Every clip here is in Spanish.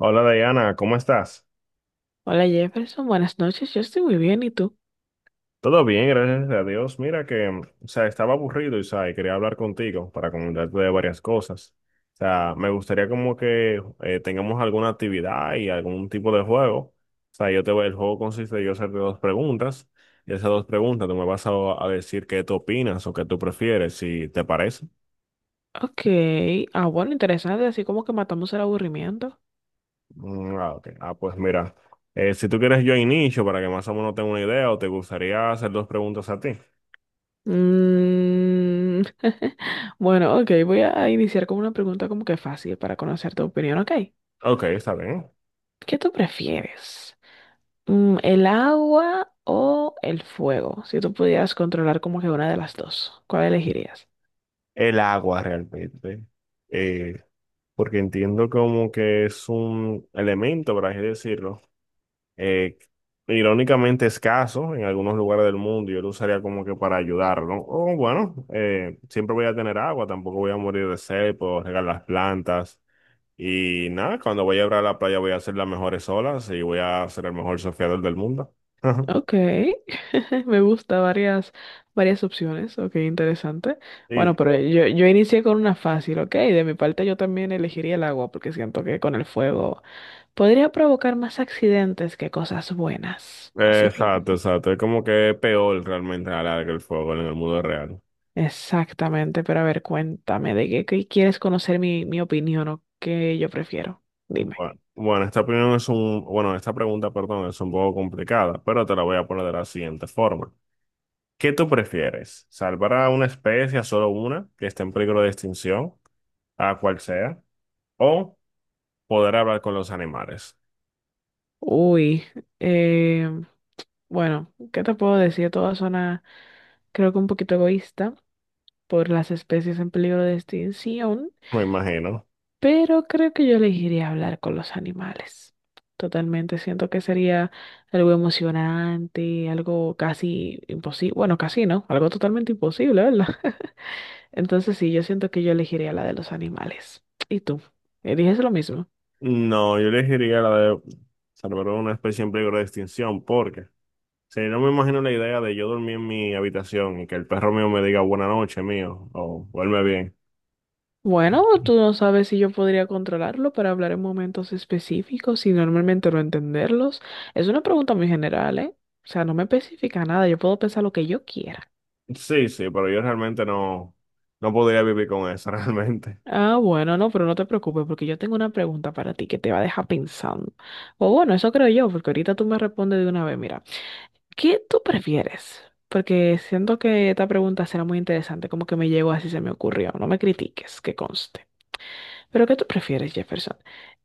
Hola Diana, ¿cómo estás? Hola Jefferson, buenas noches, yo estoy muy bien, ¿y tú? Todo bien, gracias a Dios. Mira que, estaba aburrido y quería hablar contigo para comentarte de varias cosas. O sea, me gustaría como que tengamos alguna actividad y algún tipo de juego. O sea, el juego consiste en yo hacerte dos preguntas y esas dos preguntas tú me vas a decir qué tú opinas o qué tú prefieres, si te parece. Ok, ah bueno, interesante, así como que matamos el aburrimiento. Mm, ah, ok. Ah, pues mira, si tú quieres yo inicio para que más o menos tenga una idea o te gustaría hacer dos preguntas a ti. Mm, Bueno, ok, voy a iniciar con una pregunta como que fácil para conocer tu opinión, ok. Ok, está bien. ¿Qué tú prefieres? Mm, ¿el agua o el fuego? Si tú pudieras controlar como que una de las dos, ¿cuál elegirías? El agua realmente, eh, porque entiendo como que es un elemento, por así decirlo, eh, irónicamente escaso en algunos lugares del mundo, yo lo usaría como que para ayudarlo, ¿no? O bueno, siempre voy a tener agua, tampoco voy a morir de sed, puedo regar las plantas. Y nada, cuando voy a ir a la playa voy a hacer las mejores olas y voy a ser el mejor surfeador del mundo. Ok, me gusta varias, varias opciones, ok, interesante. Y Bueno, pero todo. yo inicié con una fácil, ok, de mi parte yo también elegiría el agua porque siento que con el fuego podría provocar más accidentes que cosas buenas. Así que, Exacto, exacto. Es como que es peor realmente a la larga el fuego en el mundo real. exactamente, pero a ver, cuéntame, ¿de qué, qué quieres conocer mi opinión o qué yo prefiero? Dime. Bueno, esta pregunta, perdón, es un poco complicada, pero te la voy a poner de la siguiente forma. ¿Qué tú prefieres? ¿Salvar a una especie, a solo una, que esté en peligro de extinción, a cual sea, o poder hablar con los animales? Uy, eh, bueno, ¿qué te puedo decir? Todo suena creo que un poquito egoísta. Por las especies en peligro de extinción, Me imagino. pero creo que yo elegiría hablar con los animales. Totalmente, siento que sería algo emocionante, algo casi imposible, bueno, casi no, algo totalmente imposible, ¿verdad? Entonces sí, yo siento que yo elegiría la de los animales. ¿Y tú? ¿Eliges lo mismo? No, yo elegiría la de salvar a una especie en peligro de extinción, porque si no me imagino la idea de yo dormir en mi habitación y que el perro mío me diga buena noche, mío, o duerme bien. Bueno, tú no sabes si yo podría controlarlo para hablar en momentos específicos y normalmente no entenderlos. Es una pregunta muy general, ¿eh? O sea, no me especifica nada, yo puedo pensar lo que yo quiera. Sí, pero yo realmente no podría vivir con eso, realmente. Ah, bueno, no, pero no te preocupes porque yo tengo una pregunta para ti que te va a dejar pensando. O bueno, eso creo yo, porque ahorita tú me respondes de una vez, mira, ¿qué tú prefieres? Porque siento que esta pregunta será muy interesante, como que me llegó así se me ocurrió, no me critiques, que conste. Pero ¿qué tú prefieres, Jefferson?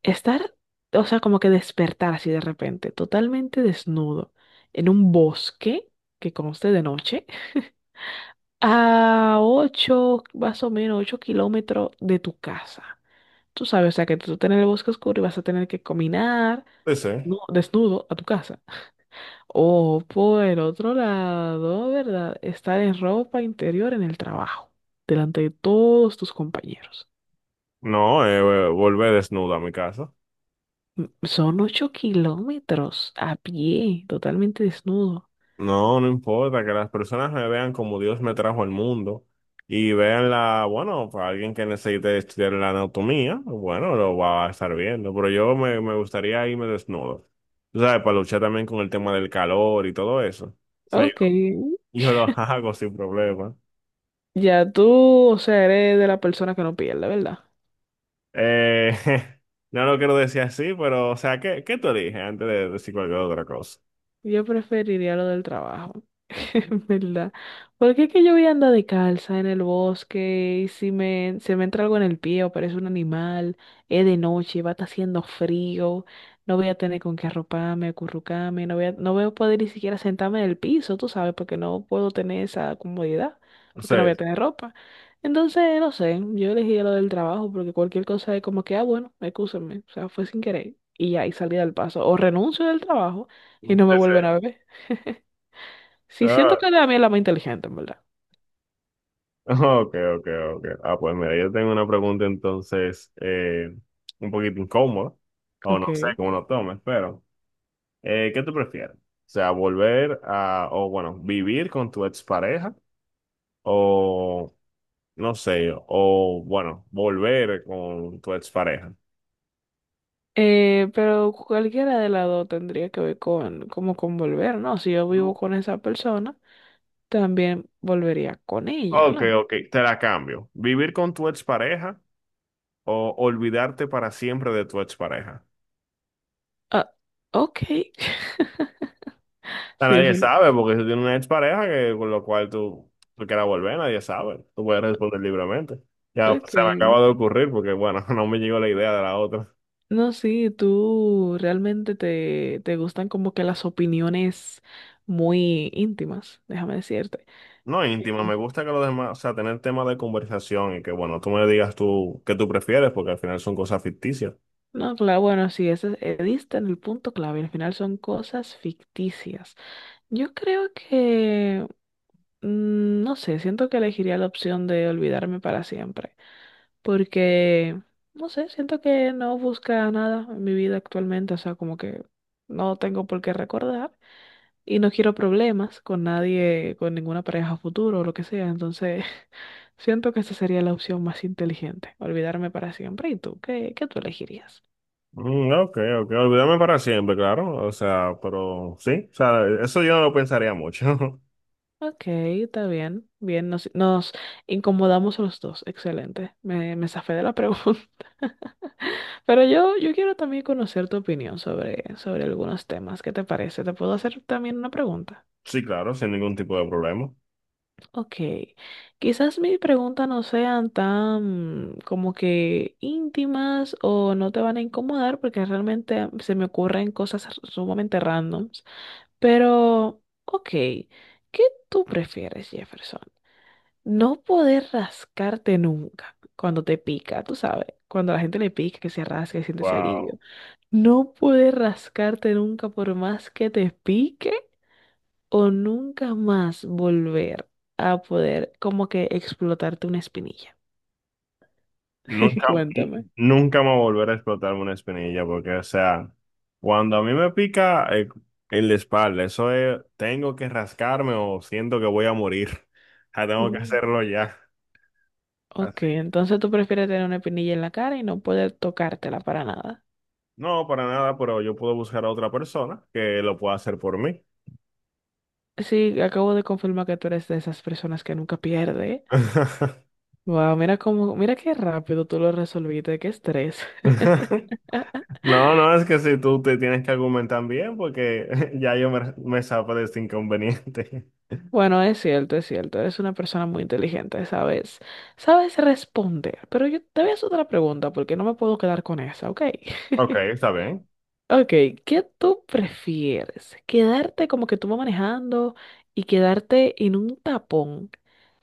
Estar, o sea, como que despertar así de repente, totalmente desnudo, en un bosque que conste de noche, a 8 más o menos 8 kilómetros de tu casa. Tú sabes, o sea, que tú estás en el bosque oscuro y vas a tener que caminar, Sí, sí. no, desnudo a tu casa. O por el otro lado, ¿verdad? Estar en ropa interior en el trabajo, delante de todos tus compañeros. No, volver desnudo a mi casa. Son 8 kilómetros a pie, totalmente desnudo. No, no importa que las personas me vean como Dios me trajo al mundo y vean la, bueno, para alguien que necesite estudiar la anatomía, bueno, lo va a estar viendo, pero me gustaría irme desnudo. Tú sabes, para luchar también con el tema del calor y todo eso. O sea, Ok, yo lo hago sin problema. ya tú, o sea, eres de la persona que no pierde, ¿verdad? Eh, no lo quiero decir así, pero, o sea, ¿qué tú eliges antes de decir cualquier otra cosa? Yo preferiría lo del trabajo, en verdad. Porque es que yo voy a andar de calza en el bosque y si me, se me entra algo en el pie o parece un animal, es de noche, va a estar haciendo frío, no voy a tener con qué arroparme, acurrucarme, no voy a, no voy a poder ni siquiera sentarme en el piso, tú sabes, porque no puedo tener esa comodidad, Sí, porque no voy a tener ropa. Entonces, no sé, yo elegí lo del trabajo porque cualquier cosa es como que, ah, bueno, excúsenme, o sea, fue sin querer y ya, y salí del paso. O renuncio del trabajo sí, y no me vuelven sí. a ver. Sí, siento Ah, que la mía es la más inteligente, en verdad. ok, ok, ok. Ah, pues mira, yo tengo una pregunta entonces un poquito incómoda, o no sé Ok. cómo lo tomes, pero ¿qué tú prefieres? O sea, volver a, o bueno, vivir con tu expareja, o no sé, o bueno, volver con tu expareja. Pero cualquiera de las dos tendría que ver con, como con volver, ¿no? Si yo vivo No. con esa persona, también volvería con ella, Ok, ¿no? ok, te la cambio. Vivir con tu expareja o olvidarte para siempre de tu expareja. Ah, ok. O sea, Sí, es nadie un... sabe, porque si tú tienes una expareja con lo cual tú quieras volver, nadie sabe. Tú puedes responder libremente. Ya pues, Ok. se me acaba de ocurrir porque, bueno, no me llegó la idea de la otra. No, sí, tú realmente te, te gustan como que las opiniones muy íntimas, déjame decirte. No, íntima, Eh, me gusta que los demás, o sea, tener temas de conversación y que, bueno, tú me digas tú qué tú prefieres, porque al final son cosas ficticias. No, claro, bueno, sí, ese, diste en el punto clave. Al final son cosas ficticias. Yo creo que, mm, no sé, siento que elegiría la opción de olvidarme para siempre, porque, no sé, siento que no busca nada en mi vida actualmente, o sea, como que no tengo por qué recordar y no quiero problemas con nadie, con ninguna pareja a futuro o lo que sea, entonces siento que esa sería la opción más inteligente, olvidarme para siempre. ¿Y tú? ¿Qué, qué tú elegirías? Mm, ok, olvídame para siempre, claro. O sea, pero sí, o sea, eso yo no lo pensaría mucho. Ok, está bien, bien, nos, nos incomodamos los dos, excelente, me zafé de la pregunta. Pero yo quiero también conocer tu opinión sobre, sobre algunos temas. ¿Qué te parece? ¿Te puedo hacer también una pregunta? Sí, claro, sin ningún tipo de problema. Ok. Quizás mis preguntas no sean tan como que íntimas o no te van a incomodar porque realmente se me ocurren cosas sumamente randoms. Pero, ok. ¿Qué tú prefieres, Jefferson? No poder rascarte nunca cuando te pica, tú sabes. Cuando a la gente le pica, que se rasca y siente ese Wow. alivio. No puedes rascarte nunca por más que te pique o nunca más volver a poder como que explotarte una espinilla. Nunca, Cuéntame. nunca me va a volver a explotarme una espinilla, porque, o sea, cuando a mí me pica el de espalda, eso es, tengo que rascarme o siento que voy a morir. Ya tengo que Mm. hacerlo ya, Ok, así. entonces tú prefieres tener una espinilla en la cara y no poder tocártela para nada. No, para nada, pero yo puedo buscar a otra persona que lo pueda hacer por mí. Sí, acabo de confirmar que tú eres de esas personas que nunca pierde. Wow, mira cómo, mira qué rápido tú lo resolviste, qué estrés. No, no, es que si tú te tienes que argumentar bien, porque ya me salgo de este inconveniente. Bueno, es cierto, es cierto. Eres una persona muy inteligente, sabes, sabes responder. Pero yo te voy a hacer otra pregunta porque no me puedo quedar con esa, ¿ok? Ok, está bien. Ok, ¿qué tú prefieres? ¿Quedarte como que tú vas manejando y quedarte en un tapón?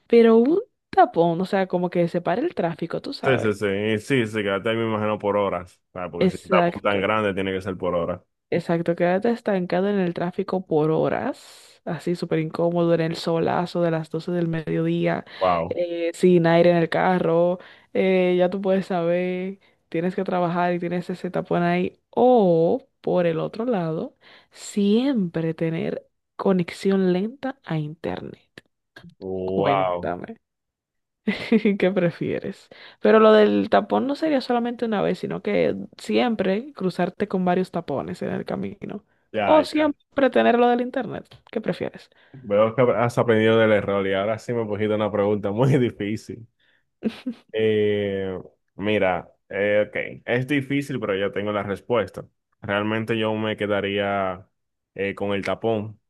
Pero un tapón, o sea, como que separa el tráfico, tú Sí, sí, sabes. sí, y sí, sí, quédate ahí me imagino por horas, ¿sabes? Porque si está tan Exacto. grande tiene que ser por horas. Exacto, quédate estancado en el tráfico por horas, así súper incómodo, en el solazo de las 12 del mediodía, Wow, sin aire en el carro, ya tú puedes saber, tienes que trabajar y tienes ese tapón ahí. O, por el otro lado, siempre tener conexión lenta a internet. wow, Cuéntame. ¿Qué prefieres? Pero lo del tapón no sería solamente una vez, sino que siempre cruzarte con varios tapones en el camino. ya, O ya. siempre tener lo del internet. ¿Qué prefieres? Veo que has aprendido del error y ahora sí me pusiste una pregunta muy difícil. Eh, mira, ok, es difícil, pero ya tengo la respuesta. Realmente yo me quedaría con el tapón.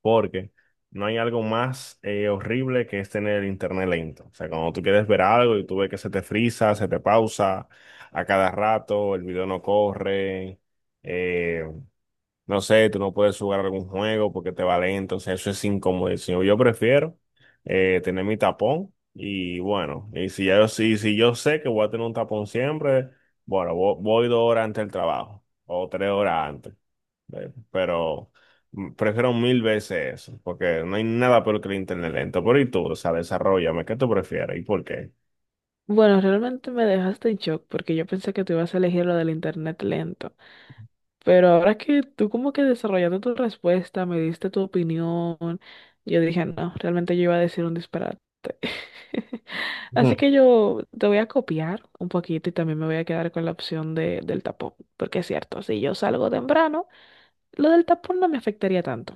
Porque no hay algo más horrible que es tener el internet lento. O sea, cuando tú quieres ver algo y tú ves que se te frisa, se te pausa a cada rato, el video no corre. eh, no sé, tú no puedes jugar algún juego porque te va lento, o sea, eso es incómodo. Yo prefiero tener mi tapón y bueno, y si ya yo, si yo sé que voy a tener un tapón siempre, bueno, voy, 2 horas antes del trabajo o 3 horas antes, ¿ves? Pero prefiero mil veces eso porque no hay nada peor que el internet lento. Pero y tú, o sea, desarrollame, ¿qué tú prefieres y por qué? Bueno, realmente me dejaste en shock porque yo pensé que tú ibas a elegir lo del internet lento. Pero ahora que tú como que desarrollando tu respuesta, me diste tu opinión, yo dije, no, realmente yo iba a decir un disparate. Así que yo te voy a copiar un poquito y también me voy a quedar con la opción de, del tapón, porque es cierto, si yo salgo temprano, lo del tapón no me afectaría tanto.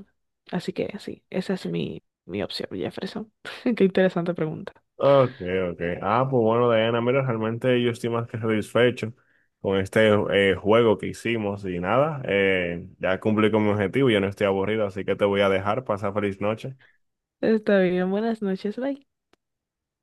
Así que sí, esa es mi, mi opción, Jefferson. Qué interesante pregunta. Ok, ok. Ah, pues bueno, Diana, mira, realmente yo estoy más que satisfecho con este juego que hicimos y nada, ya cumplí con mi objetivo, yo no estoy aburrido, así que te voy a dejar, pasa feliz noche. Está bien, buenas noches, bye.